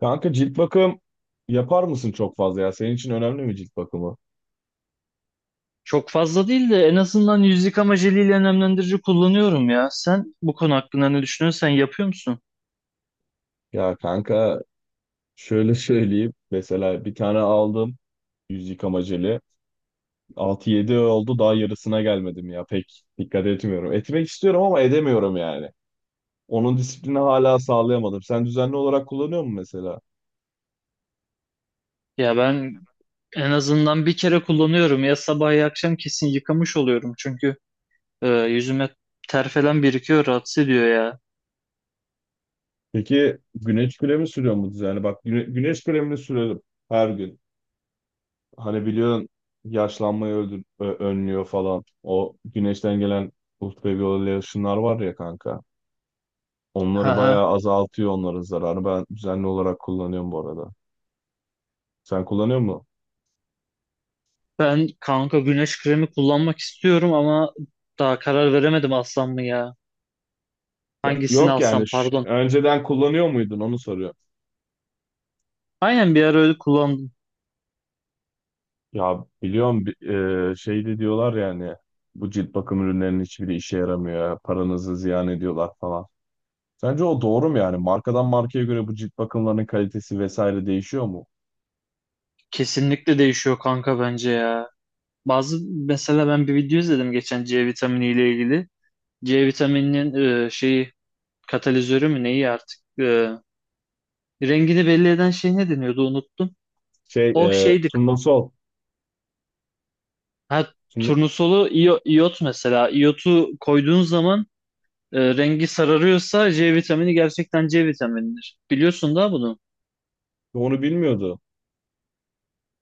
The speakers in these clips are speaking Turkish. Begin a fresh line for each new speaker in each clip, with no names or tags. Kanka cilt bakım yapar mısın çok fazla ya? Senin için önemli mi cilt bakımı?
Çok fazla değil de en azından yüz yıkama jeliyle nemlendirici kullanıyorum ya. Sen bu konu hakkında ne düşünüyorsun? Sen yapıyor musun?
Ya kanka şöyle söyleyeyim. Mesela bir tane aldım yüz yıkama jeli. 6-7 oldu daha yarısına gelmedim ya. Pek dikkat etmiyorum. Etmek istiyorum ama edemiyorum yani. Onun disiplini hala sağlayamadım. Sen düzenli olarak kullanıyor musun mesela?
Ya ben en azından bir kere kullanıyorum. Ya sabah ya akşam kesin yıkamış oluyorum. Çünkü yüzüme ter falan birikiyor, rahatsız ediyor ya.
Peki güneş kremi sürüyor mu düzenli? Bak güneş kremini sürerim her gün. Hani biliyorsun yaşlanmayı önlüyor falan. O güneşten gelen ultraviyole ışınlar var ya kanka. Onları
Haha.
bayağı azaltıyor onların zararı. Ben düzenli olarak kullanıyorum bu arada. Sen kullanıyor musun?
Ben kanka güneş kremi kullanmak istiyorum ama daha karar veremedim alsam mı ya?
Ya,
Hangisini
yok yani
alsam pardon.
önceden kullanıyor muydun onu soruyor.
Aynen bir ara öyle kullandım.
Ya biliyorum şey de diyorlar yani bu cilt bakım ürünlerinin hiçbiri işe yaramıyor. Paranızı ziyan ediyorlar falan. Sence o doğru mu yani? Markadan markaya göre bu cilt bakımlarının kalitesi vesaire değişiyor mu?
Kesinlikle değişiyor kanka bence ya. Bazı mesela ben bir video izledim geçen C vitamini ile ilgili. C vitamininin şeyi katalizörü mü neyi artık rengini belli eden şey ne deniyordu unuttum.
Şey,
O şeydi.
Turnusol.
Ha,
Bunu-
turnusolu iyot mesela. İyotu koyduğun zaman rengi sararıyorsa C vitamini gerçekten C vitaminidir. Biliyorsun da bunu.
Onu bilmiyordu.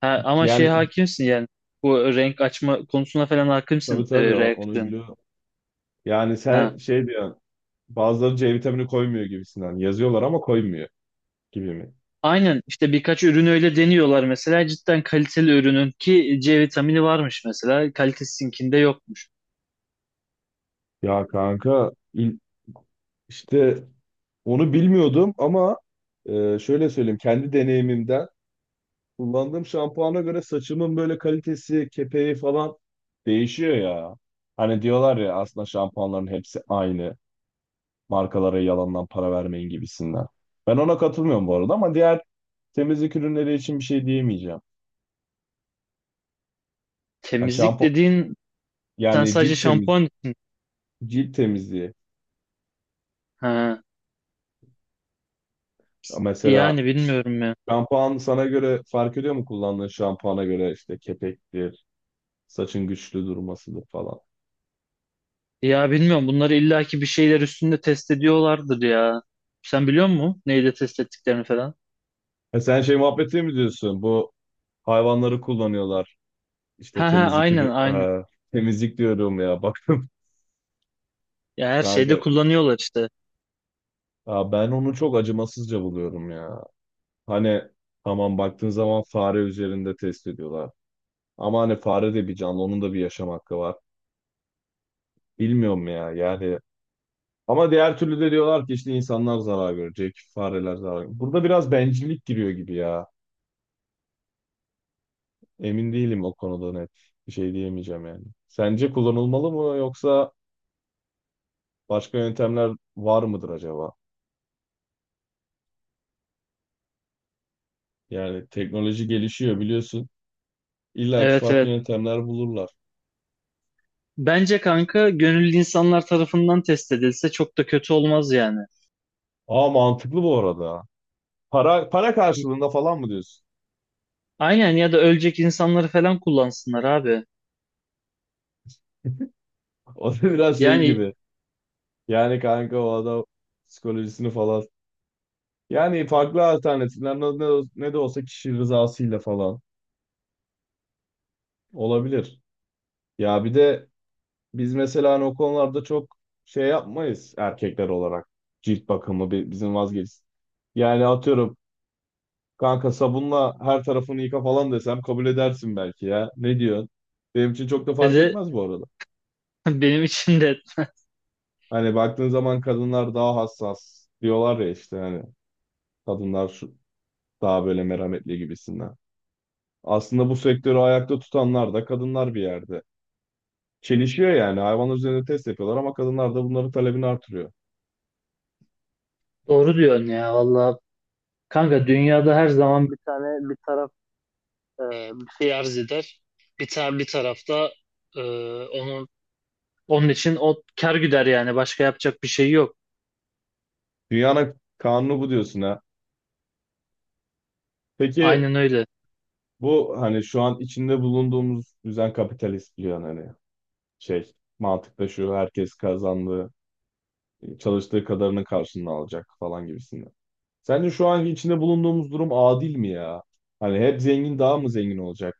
Ha, ama şey
Yani
hakimsin yani. Bu renk açma konusuna falan
tabii
hakimsin,
tabii onu
reaksiyon.
biliyor. Yani sen şey diyorsun. Bazıları C vitamini koymuyor gibisinden. Yazıyorlar ama koymuyor gibi mi?
Aynen işte birkaç ürün öyle deniyorlar mesela cidden kaliteli ürünün ki C vitamini varmış mesela kalitesizinkinde yokmuş.
Ya kanka işte onu bilmiyordum ama şöyle söyleyeyim kendi deneyimimden kullandığım şampuana göre saçımın böyle kalitesi, kepeği falan değişiyor ya. Hani diyorlar ya aslında şampuanların hepsi aynı. Markalara yalandan para vermeyin gibisinden. Ben ona katılmıyorum bu arada ama diğer temizlik ürünleri için bir şey diyemeyeceğim. Ha,
Temizlik dediğin sen
yani
sadece şampuan için.
cilt temizliği.
Ha,
Mesela
yani bilmiyorum ya.
şampuan sana göre fark ediyor mu kullandığın şampuana göre işte kepektir, saçın güçlü durmasıdır falan.
Ya bilmiyorum bunları illaki bir şeyler üstünde test ediyorlardır ya. Sen biliyor musun neyle test ettiklerini falan?
E, sen şey muhabbeti mi diyorsun? Bu hayvanları kullanıyorlar. İşte
Ha ha, aynen aynen.
e, temizlik diyorum ya bakın
Ya her şeyde
kanka.
kullanıyorlar işte.
Ya ben onu çok acımasızca buluyorum ya. Hani tamam baktığın zaman fare üzerinde test ediyorlar. Ama hani fare de bir canlı, onun da bir yaşam hakkı var. Bilmiyorum ya yani. Ama diğer türlü de diyorlar ki işte insanlar zarar görecek, fareler zarar görecek. Burada biraz bencillik giriyor gibi ya. Emin değilim o konuda net. Bir şey diyemeyeceğim yani. Sence kullanılmalı mı yoksa başka yöntemler var mıdır acaba? Yani teknoloji gelişiyor biliyorsun. İlla ki
Evet
farklı
evet.
yöntemler bulurlar.
Bence kanka gönüllü insanlar tarafından test edilse çok da kötü olmaz yani.
Aa, mantıklı bu arada. Para karşılığında falan mı diyorsun?
Aynen ya da ölecek insanları falan kullansınlar abi.
O da biraz şey
Yani
gibi. Yani kanka o adam psikolojisini falan. Yani farklı alternatifler ne de olsa kişi rızasıyla falan olabilir. Ya bir de biz mesela hani o konularda çok şey yapmayız erkekler olarak. Cilt bakımı bizim vazgeç. Yani atıyorum kanka sabunla her tarafını yıka falan desem kabul edersin belki ya. Ne diyorsun? Benim için çok da fark
dedi
etmez bu arada.
benim için de
Hani baktığın zaman kadınlar daha hassas diyorlar ya işte hani kadınlar şu, daha böyle merhametli gibisinden. Aslında bu sektörü ayakta tutanlar da kadınlar bir yerde. Çelişiyor yani. Hayvanlar üzerinde test yapıyorlar ama kadınlar da bunların talebini artırıyor.
doğru diyorsun ya valla. Kanka dünyada her zaman bir tane bir taraf e, bir şey arz eder. Bir tane bir tarafta e, onun onun için o kar güder yani başka yapacak bir şey yok.
Dünyanın kanunu bu diyorsun ha. Peki
Aynen öyle.
bu hani şu an içinde bulunduğumuz düzen kapitalist biliyorsun hani şey mantıkta şu herkes kazandığı çalıştığı kadarının karşılığını alacak falan gibisinden. Sence şu anki içinde bulunduğumuz durum adil mi ya? Hani hep zengin daha mı zengin olacak?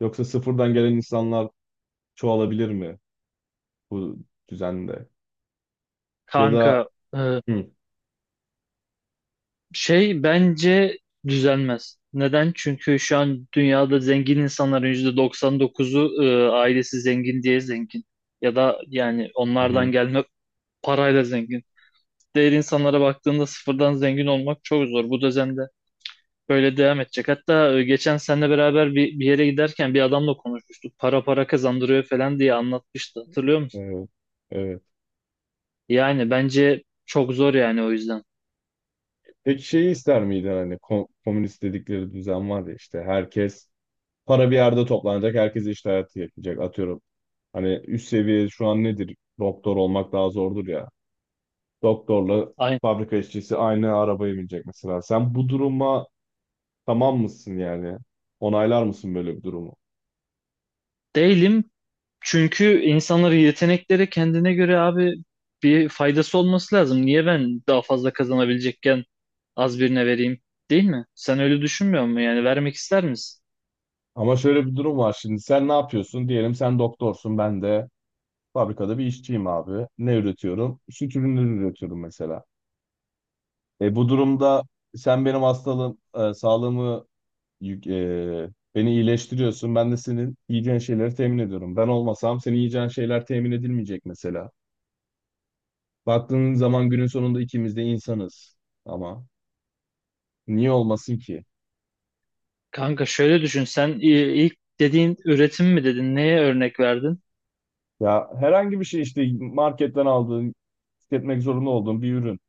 Yoksa sıfırdan gelen insanlar çoğalabilir mi bu düzende? Ya
Kanka
da
e,
hı,
şey bence düzelmez. Neden? Çünkü şu an dünyada zengin insanların %99'u ailesi zengin diye zengin. Ya da yani
hı,
onlardan
hı,
gelme parayla zengin. Diğer insanlara baktığında sıfırdan zengin olmak çok zor. Bu düzende böyle devam edecek. Hatta geçen seninle beraber bir yere giderken bir adamla konuşmuştuk. Para kazandırıyor falan diye anlatmıştı. Hatırlıyor musun?
evet, evet.
Yani bence çok zor yani o yüzden.
Peki şeyi ister miydin hani komünist dedikleri düzen var ya işte herkes para bir yerde toplanacak, herkes iş hayatı yapacak atıyorum. Hani üst seviye şu an nedir? Doktor olmak daha zordur ya. Doktorla
Aynen.
fabrika işçisi aynı arabaya binecek mesela. Sen bu duruma tamam mısın yani? Onaylar mısın böyle bir durumu?
Değilim. Çünkü insanların yetenekleri kendine göre abi bir faydası olması lazım. Niye ben daha fazla kazanabilecekken az birine vereyim? Değil mi? Sen öyle düşünmüyor musun? Yani vermek ister misin?
Ama şöyle bir durum var, şimdi sen ne yapıyorsun? Diyelim sen doktorsun, ben de fabrikada bir işçiyim abi. Ne üretiyorum? Süt ürünleri üretiyorum mesela. E, bu durumda sen benim hastalığım, sağlığımı, beni iyileştiriyorsun. Ben de senin yiyeceğin şeyleri temin ediyorum. Ben olmasam senin yiyeceğin şeyler temin edilmeyecek mesela. Baktığın zaman günün sonunda ikimiz de insanız. Ama niye olmasın ki?
Kanka şöyle düşün. İlk dediğin üretim mi dedin? Neye örnek verdin?
Ya herhangi bir şey işte marketten aldığın, tüketmek zorunda olduğun bir ürün.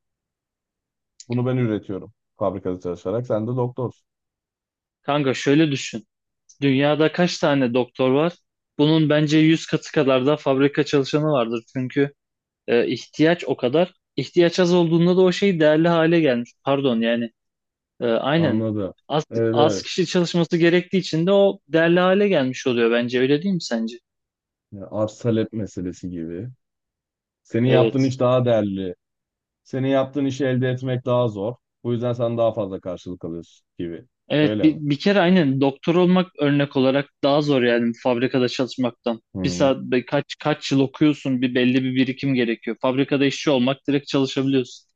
Bunu ben üretiyorum fabrikada çalışarak. Sen de doktorsun.
Kanka şöyle düşün. Dünyada kaç tane doktor var? Bunun bence 100 katı kadar da fabrika çalışanı vardır. Çünkü ihtiyaç o kadar. İhtiyaç az olduğunda da o şey değerli hale gelmiş. Pardon yani aynen.
Anladım.
Az,
Evet.
az
Evet.
kişi çalışması gerektiği için de o değerli hale gelmiş oluyor bence. Öyle değil mi sence?
Ya, arz talep meselesi gibi. Senin yaptığın
Evet.
iş daha değerli. Senin yaptığın işi elde etmek daha zor. Bu yüzden sen daha fazla karşılık alıyorsun gibi.
Evet
Öyle
bir,
mi?
bir kere aynen doktor olmak örnek olarak daha zor yani fabrikada çalışmaktan.
Hı.
Kaç yıl okuyorsun, bir belli bir birikim gerekiyor. Fabrikada işçi olmak direkt çalışabiliyorsun.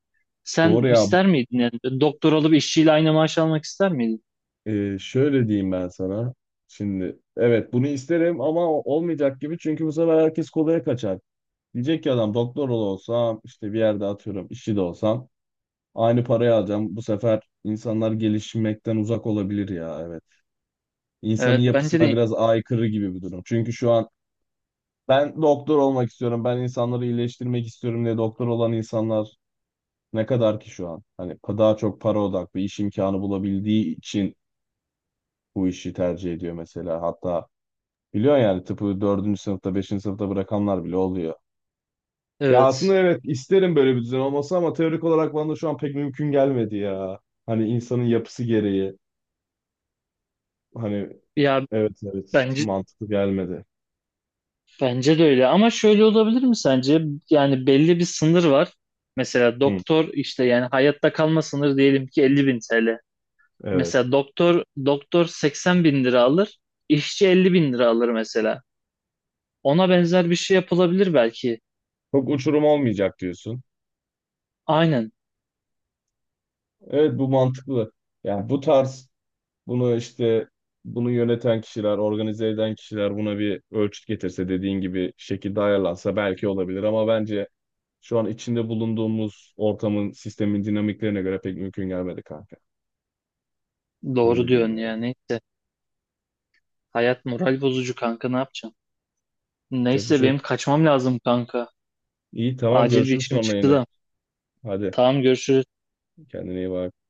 Doğru
Sen
ya.
ister miydin yani doktor olup işçiyle aynı maaş almak ister miydin?
Şöyle diyeyim ben sana. Şimdi evet bunu isterim ama olmayacak gibi, çünkü bu sefer herkes kolaya kaçar. Diyecek ki adam doktor olsam işte bir yerde atıyorum işçi de olsam aynı parayı alacağım. Bu sefer insanlar gelişmekten uzak olabilir ya, evet. İnsanın
Evet bence
yapısına
de
biraz aykırı gibi bir durum. Çünkü şu an ben doktor olmak istiyorum, ben insanları iyileştirmek istiyorum diye doktor olan insanlar. Ne kadar ki şu an? Hani daha çok para odaklı iş imkanı bulabildiği için bu işi tercih ediyor mesela. Hatta biliyorsun yani tıpı dördüncü sınıfta, beşinci sınıfta bırakanlar bile oluyor. Ya aslında
evet.
evet isterim böyle bir düzen olması ama teorik olarak bana da şu an pek mümkün gelmedi ya. Hani insanın yapısı gereği. Hani
Ya
evet, evet,
bence
mantıklı gelmedi.
bence de öyle ama şöyle olabilir mi sence? Yani belli bir sınır var. Mesela
Hı,
doktor işte yani hayatta kalma sınırı diyelim ki 50 bin TL.
evet.
Mesela doktor 80 bin lira alır, işçi 50 bin lira alır mesela. Ona benzer bir şey yapılabilir belki.
Çok uçurum olmayacak diyorsun.
Aynen
Evet, bu mantıklı. Yani bu tarz bunu işte bunu yöneten kişiler, organize eden kişiler buna bir ölçüt getirse dediğin gibi şekilde ayarlansa belki olabilir ama bence şu an içinde bulunduğumuz ortamın, sistemin dinamiklerine göre pek mümkün gelmedi kanka.
doğru
Öyle diyeyim
diyorsun
yani.
yani neyse. Hayat moral bozucu kanka ne yapacağım?
Çok bir
Neyse
şey
benim
yok.
kaçmam lazım kanka.
İyi, tamam,
Acil bir
görüşürüz
işim
sonra
çıktı
yine.
da.
Hadi
Tamam görüşürüz.
kendine iyi bak.